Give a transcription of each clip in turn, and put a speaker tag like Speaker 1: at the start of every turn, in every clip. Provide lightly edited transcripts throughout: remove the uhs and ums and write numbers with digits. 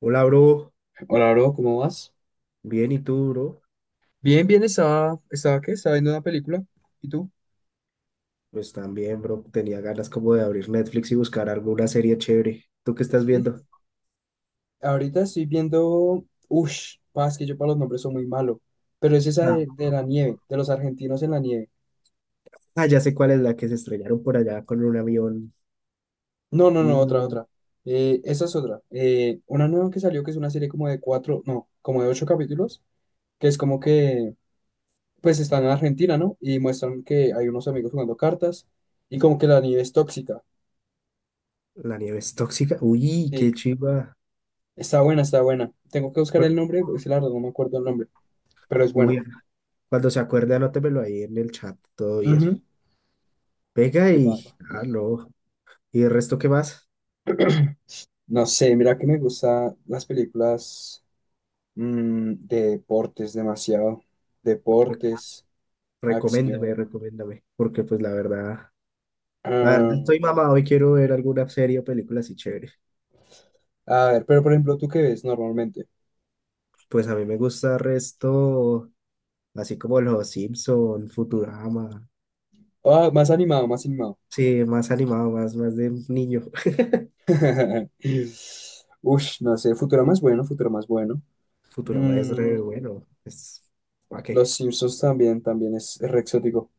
Speaker 1: Hola, bro.
Speaker 2: Hola, bro, ¿cómo vas?
Speaker 1: Bien, ¿y tú, bro?
Speaker 2: Bien, bien, ¿qué? Estaba viendo una película. ¿Y tú?
Speaker 1: Pues también, bro. Tenía ganas como de abrir Netflix y buscar alguna serie chévere. ¿Tú qué estás
Speaker 2: Sí,
Speaker 1: viendo?
Speaker 2: ahorita estoy viendo. Ush, paz, que yo para los nombres soy muy malo. Pero es esa
Speaker 1: Ah,
Speaker 2: de la nieve, de los argentinos en la nieve.
Speaker 1: Ah, ya sé cuál es la que se estrellaron por allá con un avión.
Speaker 2: No, no, no, otra,
Speaker 1: Uh,
Speaker 2: otra. Esa es otra. Una nueva que salió que es una serie como de cuatro, no, como de ocho capítulos, que es como que, pues están en Argentina, ¿no? Y muestran que hay unos amigos jugando cartas y como que la nieve es tóxica.
Speaker 1: la nieve es tóxica. Uy, qué
Speaker 2: Sí,
Speaker 1: chiva.
Speaker 2: está buena, está buena. Tengo que buscar el
Speaker 1: Bueno.
Speaker 2: nombre, porque la verdad no me acuerdo el nombre, pero es bueno.
Speaker 1: Uy, cuando se acuerde, anótemelo ahí en el chat. Todo bien.
Speaker 2: Ujú.
Speaker 1: Venga
Speaker 2: ¿Qué
Speaker 1: y...
Speaker 2: pasa?
Speaker 1: Ah, no. ¿Y el resto qué más?
Speaker 2: No sé, mira que me gustan las películas de deportes demasiado.
Speaker 1: Re-
Speaker 2: Deportes,
Speaker 1: Recoméndame,
Speaker 2: acción.
Speaker 1: recoméndame. Porque pues la verdad... La verdad
Speaker 2: Ah,
Speaker 1: estoy mamado y quiero ver alguna serie o película así chévere.
Speaker 2: a ver, pero por ejemplo, ¿tú qué ves normalmente?
Speaker 1: Pues a mí me gusta el resto, así como los Simpson, Futurama.
Speaker 2: Ah, más animado, más animado.
Speaker 1: Sí, más animado, más de niño.
Speaker 2: Ush, no sé, Futurama más bueno, Futurama más bueno.
Speaker 1: Futurama es
Speaker 2: Mm,
Speaker 1: re bueno. Es... ¿Para qué?
Speaker 2: Los Simpsons también es re exótico.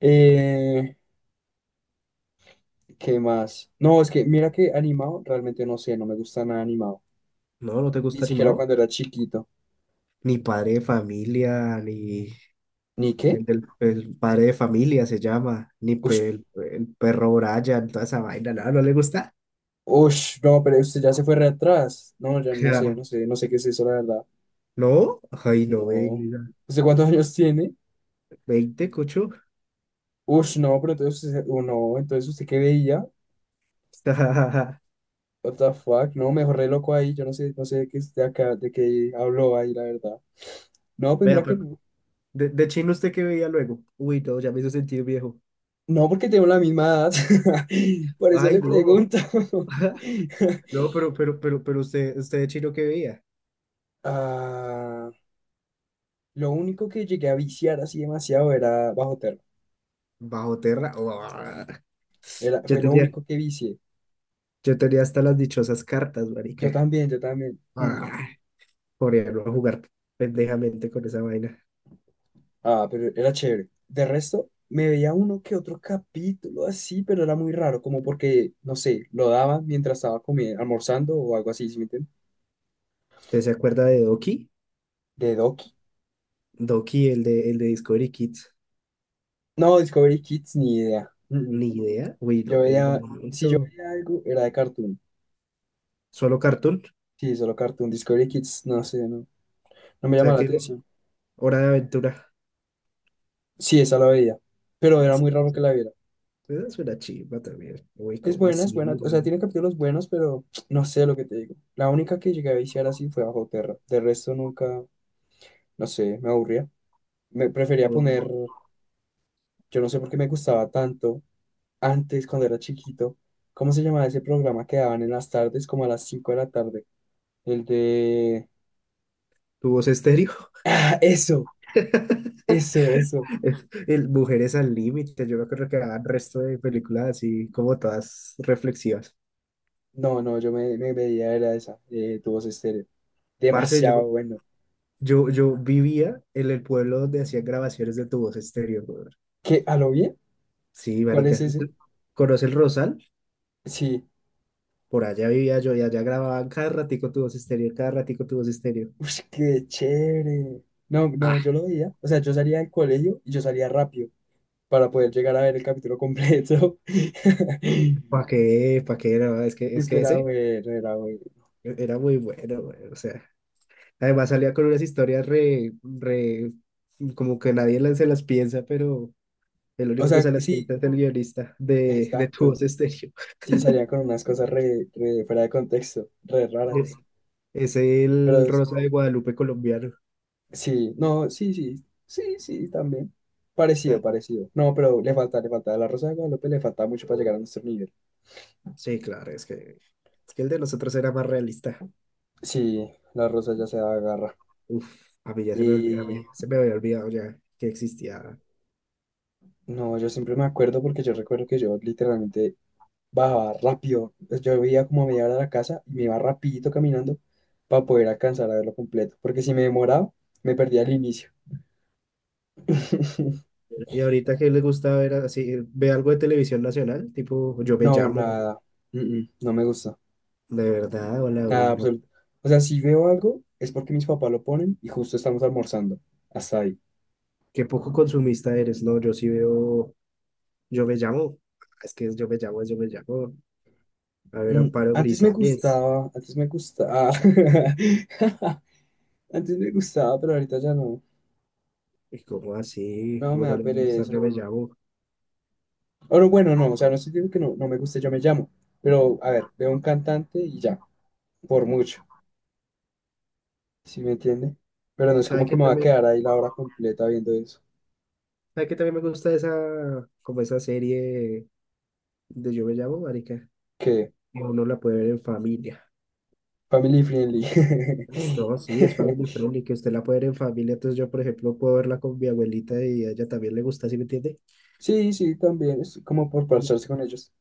Speaker 2: Eh, ¿qué más? No, es que mira que animado, realmente no sé, no me gusta nada animado.
Speaker 1: No, no te
Speaker 2: Ni
Speaker 1: gusta
Speaker 2: siquiera
Speaker 1: animado.
Speaker 2: cuando era chiquito.
Speaker 1: Ni padre de familia, ni
Speaker 2: ¿Ni qué?
Speaker 1: el padre de familia se llama, ni
Speaker 2: Ush,
Speaker 1: el perro Brian, toda esa vaina, no, no le gusta.
Speaker 2: ush, no, pero usted ya se fue re atrás. No, ya no sé,
Speaker 1: Ja,
Speaker 2: no sé, no sé qué es eso, la verdad.
Speaker 1: no, ay, no,
Speaker 2: No.
Speaker 1: venga.
Speaker 2: ¿Usted cuántos años tiene?
Speaker 1: Veinte cocho.
Speaker 2: Ush, no, pero entonces no, entonces ¿usted qué veía? What the fuck, no, me dejó re loco ahí, yo no sé, no sé de qué es de acá, de qué habló ahí, la verdad. No, pues
Speaker 1: Vea,
Speaker 2: mira que
Speaker 1: pero
Speaker 2: no.
Speaker 1: de chino, ¿usted qué veía luego? Uy, no, ya me hizo sentir viejo.
Speaker 2: No, porque tengo la misma edad. Por eso
Speaker 1: Ay,
Speaker 2: le
Speaker 1: no.
Speaker 2: pregunto.
Speaker 1: No, pero usted de chino que veía.
Speaker 2: Ah, lo único que llegué a viciar así demasiado era bajo termo.
Speaker 1: Bajo tierra. ¡Uah!
Speaker 2: Era,
Speaker 1: Yo
Speaker 2: fue lo
Speaker 1: tenía,
Speaker 2: único que vicié.
Speaker 1: yo tenía hasta las dichosas cartas,
Speaker 2: Yo
Speaker 1: marica.
Speaker 2: también, yo también. Mm.
Speaker 1: Ah, coreano a jugar pendejamente con esa vaina.
Speaker 2: Ah, pero era chévere. De resto, me veía uno que otro capítulo así, pero era muy raro, como porque, no sé, lo daban mientras estaba comiendo, almorzando o algo así, ¿sí me entiendes?
Speaker 1: ¿Usted se acuerda de Doki?
Speaker 2: De Doki.
Speaker 1: Doki, el de Discovery Kids.
Speaker 2: No, Discovery Kids, ni idea. Mm, mm.
Speaker 1: Ni idea. Uy, no
Speaker 2: Yo
Speaker 1: me digan
Speaker 2: veía, si yo
Speaker 1: eso.
Speaker 2: veía algo, era de Cartoon.
Speaker 1: Solo cartoon.
Speaker 2: Sí, solo Cartoon. Discovery Kids, no sé, no, no me
Speaker 1: O
Speaker 2: llama
Speaker 1: sea
Speaker 2: la
Speaker 1: que
Speaker 2: atención.
Speaker 1: Hora de Aventura.
Speaker 2: Sí, esa la veía, pero era
Speaker 1: Esa,
Speaker 2: muy raro que la viera.
Speaker 1: esa es una chimba también. Uy, ¿cómo
Speaker 2: Es
Speaker 1: así?
Speaker 2: buena, o sea,
Speaker 1: ¿Weón?
Speaker 2: tiene capítulos buenos, pero no sé lo que te digo. La única que llegué a viciar así fue Bajo Terra. De resto nunca, no sé, me aburría. Me prefería poner, yo no sé por qué me gustaba tanto antes cuando era chiquito. ¿Cómo se llamaba ese programa que daban en las tardes, como a las 5 de la tarde? El de.
Speaker 1: ¿Tu voz estéreo?
Speaker 2: ¡Ah, eso, eso, eso!
Speaker 1: El Mujeres al Límite, yo me acuerdo que daban resto de películas así como todas reflexivas.
Speaker 2: No, no, yo me veía era esa, Tu Voz Estéreo.
Speaker 1: Parce, yo,
Speaker 2: Demasiado bueno.
Speaker 1: yo, yo vivía en el pueblo donde hacían grabaciones de tu voz estéreo, brother.
Speaker 2: ¿Qué? ¿A lo bien?
Speaker 1: Sí,
Speaker 2: ¿Cuál es
Speaker 1: marica.
Speaker 2: ese?
Speaker 1: ¿Conoce el Rosal?
Speaker 2: Sí.
Speaker 1: Por allá vivía yo y allá grababan cada ratico tu voz estéreo, cada ratico tu voz estéreo.
Speaker 2: Uy, qué chévere. No, no, yo
Speaker 1: Ah,
Speaker 2: lo veía. O sea, yo salía del colegio y yo salía rápido, para poder llegar a ver el capítulo completo.
Speaker 1: ¿para qué? ¿Para qué? No, es que, es
Speaker 2: Es que
Speaker 1: que
Speaker 2: era
Speaker 1: ese
Speaker 2: bueno, era bueno.
Speaker 1: era muy bueno, güey. O sea, además salía con unas historias re, re, como que nadie se las piensa, pero el
Speaker 2: O
Speaker 1: único que
Speaker 2: sea,
Speaker 1: se las pinta
Speaker 2: sí,
Speaker 1: es el guionista de Tu
Speaker 2: exacto.
Speaker 1: Voz Estéreo.
Speaker 2: Sí, salía con unas cosas re fuera de contexto, re raras.
Speaker 1: Es el
Speaker 2: Pero
Speaker 1: Rosa de Guadalupe colombiano.
Speaker 2: sí, no, sí, sí, sí, sí, también. Parecido,
Speaker 1: Claro.
Speaker 2: parecido. No, pero le falta, le falta. A la Rosa de Guadalupe le falta mucho para llegar a nuestro nivel.
Speaker 1: Sí, claro, es que el de nosotros era más realista.
Speaker 2: Sí, la Rosa ya se agarra.
Speaker 1: Uf, a mí
Speaker 2: Y
Speaker 1: se me había olvidado ya que existía.
Speaker 2: no, yo siempre me acuerdo porque yo recuerdo que yo literalmente bajaba rápido. Pues, yo veía como a media hora de la casa y me iba rapidito caminando para poder alcanzar a verlo completo. Porque si me demoraba, me perdía el inicio.
Speaker 1: Y ahorita que le gusta ver así, ve algo de televisión nacional, tipo Yo me
Speaker 2: No,
Speaker 1: llamo,
Speaker 2: nada. No me gusta.
Speaker 1: de verdad, hola,
Speaker 2: Nada,
Speaker 1: uy, no.
Speaker 2: absoluto. O sea, si veo algo, es porque mis papás lo ponen y justo estamos almorzando. Hasta ahí.
Speaker 1: Qué poco consumista eres. No, yo sí veo Yo me llamo, es que es Yo me llamo, es Yo me llamo. A ver,
Speaker 2: Mm,
Speaker 1: Amparo
Speaker 2: antes me
Speaker 1: Grisales.
Speaker 2: gustaba, antes me gustaba. Antes me gustaba, pero ahorita ya no.
Speaker 1: Y como así,
Speaker 2: No,
Speaker 1: como
Speaker 2: me
Speaker 1: no
Speaker 2: da
Speaker 1: le va a gustar,
Speaker 2: pereza.
Speaker 1: Yo me llamo.
Speaker 2: Ahora bueno, no, o sea, no estoy diciendo que no, no me guste, yo me llamo. Pero, a ver, veo un cantante y ya, por mucho, ¿sí me entiende? Pero no es
Speaker 1: ¿Sabe
Speaker 2: como que
Speaker 1: qué
Speaker 2: me va a
Speaker 1: también?
Speaker 2: quedar ahí la hora completa viendo eso.
Speaker 1: ¿Sabe qué también me gusta esa, como esa serie de Yo me llamo, marica?
Speaker 2: Que
Speaker 1: Que uno la puede ver en familia.
Speaker 2: family friendly.
Speaker 1: Esto sí, es family friendly, que usted la puede ver en familia. Entonces yo, por ejemplo, puedo verla con mi abuelita y a ella también le gusta, ¿sí me entiende?
Speaker 2: Sí, sí, también, es como por parcharse con ellos.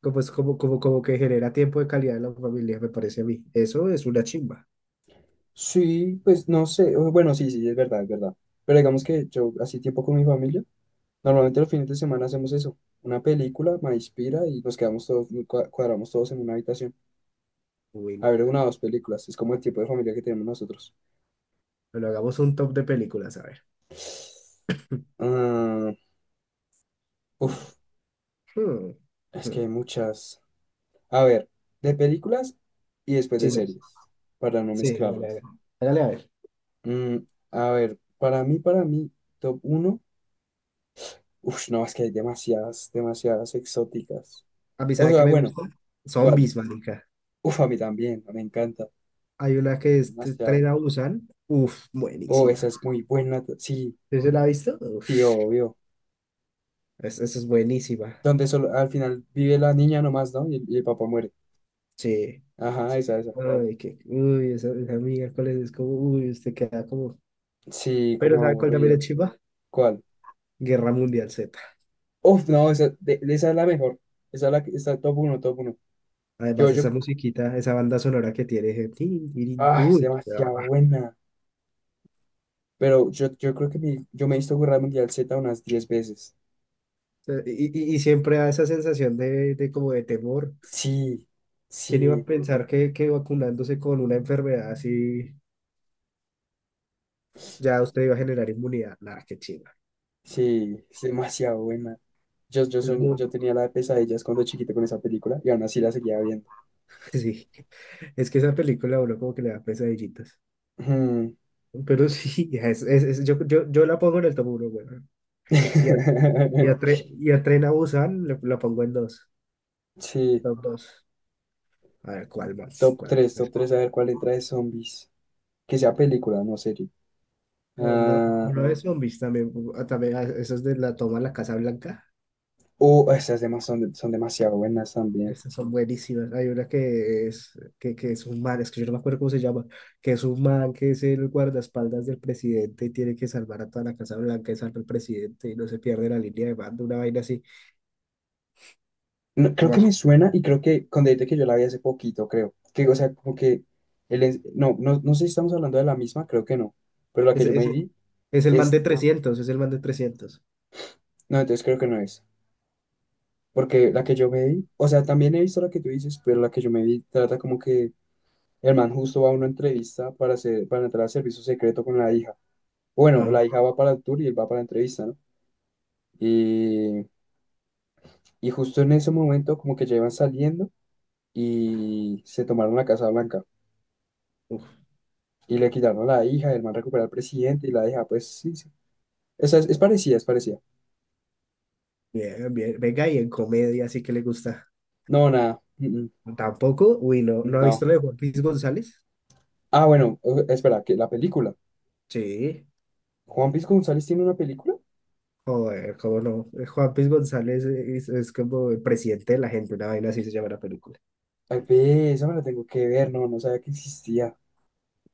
Speaker 1: Como es como que genera tiempo de calidad en la familia, me parece a mí. Eso es una chimba.
Speaker 2: Sí, pues no sé, bueno, sí, sí, es verdad, es verdad. Pero digamos que yo, así tiempo con mi familia, normalmente los fines de semana hacemos eso, una película, me inspira y nos quedamos todos, cuadramos todos en una habitación.
Speaker 1: Uy,
Speaker 2: A
Speaker 1: no.
Speaker 2: ver, una o dos películas. Es como el tipo de familia que tenemos nosotros.
Speaker 1: Pero hagamos un top de películas, a ver.
Speaker 2: Ah,
Speaker 1: Mm,
Speaker 2: uf,
Speaker 1: mm,
Speaker 2: es que hay
Speaker 1: mm.
Speaker 2: muchas. A ver, de películas y después de
Speaker 1: Sí, sí,
Speaker 2: series, para no
Speaker 1: sí, hágale,
Speaker 2: mezclarlas.
Speaker 1: hágale. Hágale, a ver.
Speaker 2: Mm, a ver, para mí, top uno. Uf, no, es que hay demasiadas, demasiadas exóticas.
Speaker 1: A mí,
Speaker 2: O
Speaker 1: ¿sabe qué
Speaker 2: sea,
Speaker 1: me
Speaker 2: bueno,
Speaker 1: gusta?
Speaker 2: ¿cuál?
Speaker 1: Zombies, marica.
Speaker 2: Uf, a mí también, me encanta.
Speaker 1: Hay una que es t-
Speaker 2: Demasiado.
Speaker 1: Tren a Busan. Uf,
Speaker 2: Oh, esa
Speaker 1: buenísima.
Speaker 2: es muy buena. Sí,
Speaker 1: ¿Sí se la ha visto? Uf,
Speaker 2: sí, obvio.
Speaker 1: esa es buenísima.
Speaker 2: Donde solo, al final vive la niña nomás, ¿no? Y el papá muere.
Speaker 1: Sí.
Speaker 2: Ajá, esa, esa.
Speaker 1: Ay, que, uy, esa amiga, ¿cuál es? Es como, uy, usted queda como...
Speaker 2: Sí,
Speaker 1: Pero
Speaker 2: como
Speaker 1: ¿sabe cuál también
Speaker 2: aburrido.
Speaker 1: es chiva?
Speaker 2: ¿Cuál?
Speaker 1: Guerra Mundial Z.
Speaker 2: Uf, no, esa, de esa es la mejor. Esa es la que está top uno, top uno. Yo,
Speaker 1: Además,
Speaker 2: yo,
Speaker 1: esa musiquita, esa banda sonora que tiene... tin, tirin,
Speaker 2: es
Speaker 1: uy,
Speaker 2: demasiado
Speaker 1: ah.
Speaker 2: buena. Pero yo creo que yo me he visto Guerra Mundial Z unas 10 veces.
Speaker 1: Y siempre da esa sensación de como de temor.
Speaker 2: Sí,
Speaker 1: ¿Quién iba a
Speaker 2: sí,
Speaker 1: pensar que vacunándose con una enfermedad así... ya usted iba a generar inmunidad. Nada, qué chimba.
Speaker 2: sí, es demasiado buena.
Speaker 1: Es muy,
Speaker 2: Yo tenía la de pesadillas cuando chiquito con esa película y aún así la seguía viendo.
Speaker 1: sí. Es que esa película a uno como que le da pesadillitas.
Speaker 2: Mm.
Speaker 1: Pero sí, yo la pongo en el top 1, güey. Y a, y a, Tre- y a Tren a Busan la pongo en dos.
Speaker 2: Sí,
Speaker 1: Top dos. A ver, ¿cuál más? ¿Cuál más?
Speaker 2: top 3 a ver cuál entra de zombies. Que sea película, no serie.
Speaker 1: O no, o
Speaker 2: Ah,
Speaker 1: no de zombies también. Esas de la toma a la Casa Blanca.
Speaker 2: Esas demás son demasiado buenas también.
Speaker 1: Esas son buenísimas. Hay una que es un man, es que yo no me acuerdo cómo se llama, que es un man que es el guardaespaldas del presidente y tiene que salvar a toda la Casa Blanca y salva al presidente y no se pierde la línea de mando, una vaina así.
Speaker 2: No, creo
Speaker 1: No,
Speaker 2: que me suena y creo que con decirte que yo la vi hace poquito, creo. Que, o sea, como que no, no, no sé si estamos hablando de la misma, creo que no. Pero la que
Speaker 1: es,
Speaker 2: yo
Speaker 1: es,
Speaker 2: me vi
Speaker 1: es el man de
Speaker 2: es.
Speaker 1: 300, es el man de trescientos.
Speaker 2: No, entonces creo que no es. Porque la que yo me vi, o sea, también he visto la que tú dices, pero la que yo me vi trata como que el man justo va a una entrevista para hacer, para entrar al servicio secreto con la hija. Bueno, la
Speaker 1: Ajá.
Speaker 2: hija va para el tour y él va para la entrevista, ¿no? Y, y justo en ese momento como que ya llevan saliendo y se tomaron la Casa Blanca
Speaker 1: Uf,
Speaker 2: y le quitaron a la hija, el man recuperó al presidente y la hija, pues sí, sí. Esa es parecida, es parecida.
Speaker 1: bien, bien. Venga, y en comedia sí que le gusta.
Speaker 2: No, nada,
Speaker 1: Tampoco, uy, no, ¿no ha
Speaker 2: no.
Speaker 1: visto lo de Juan Luis González?
Speaker 2: Ah, bueno, espera, que la película.
Speaker 1: Sí.
Speaker 2: ¿Juan Pisco González tiene una película?
Speaker 1: Joder, cómo no. Juan Piz González es como el presidente de la gente, una vaina así se llama la película.
Speaker 2: Ay, ve, esa me la tengo que ver, no, no sabía que existía.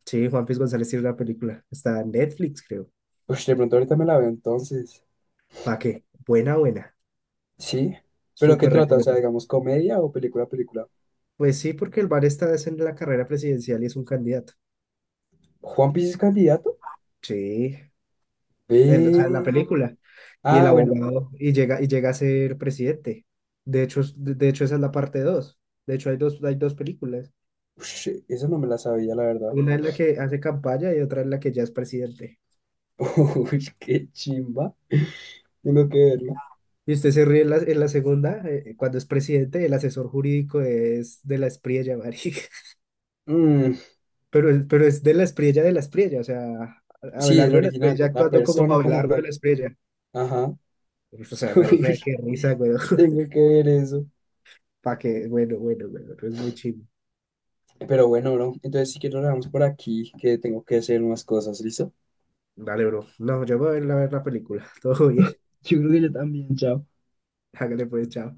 Speaker 1: Sí, Juan Piz González tiene una película. Está en Netflix, creo.
Speaker 2: Pues de pronto ahorita me la veo entonces.
Speaker 1: ¿Para qué? Buena, buena.
Speaker 2: Sí, pero ¿qué
Speaker 1: Súper
Speaker 2: trata? O sea,
Speaker 1: recomendada.
Speaker 2: digamos, comedia o película, película.
Speaker 1: Pues sí, porque el bar está es en la carrera presidencial y es un candidato.
Speaker 2: ¿Juan Pisco es candidato?
Speaker 1: Sí, en, o sea, en la
Speaker 2: Ve.
Speaker 1: película. Y el
Speaker 2: Ah, bueno, bueno.
Speaker 1: abogado, y llega a ser presidente. De hecho, esa es la parte dos. De hecho, hay dos películas.
Speaker 2: Ush, esa no me la sabía, la verdad.
Speaker 1: Una es la que hace campaña y otra es la que ya es presidente.
Speaker 2: Uy, qué chimba. Tengo que verla.
Speaker 1: Y usted se ríe en la, segunda, cuando es presidente, el asesor jurídico es de la Espriella, marica.
Speaker 2: Mm,
Speaker 1: Pero es de la Espriella, o sea,
Speaker 2: sí, el
Speaker 1: Abelardo de la
Speaker 2: original,
Speaker 1: Espriella
Speaker 2: la
Speaker 1: actuando como
Speaker 2: persona como
Speaker 1: Abelardo de
Speaker 2: tal.
Speaker 1: la Espriella.
Speaker 2: Ajá.
Speaker 1: O sea, marica,
Speaker 2: Ush,
Speaker 1: qué risa, güey.
Speaker 2: tengo que ver eso.
Speaker 1: Pa' que, bueno, bueno, bueno, es muy chido.
Speaker 2: Pero bueno, bro, entonces si quiero lo dejamos por aquí, que tengo que hacer unas cosas, ¿listo?
Speaker 1: Dale, bro. No, yo me voy a ir a ver la película. Todo bien.
Speaker 2: Yo creo que yo también, chao.
Speaker 1: Hágale pues, chao.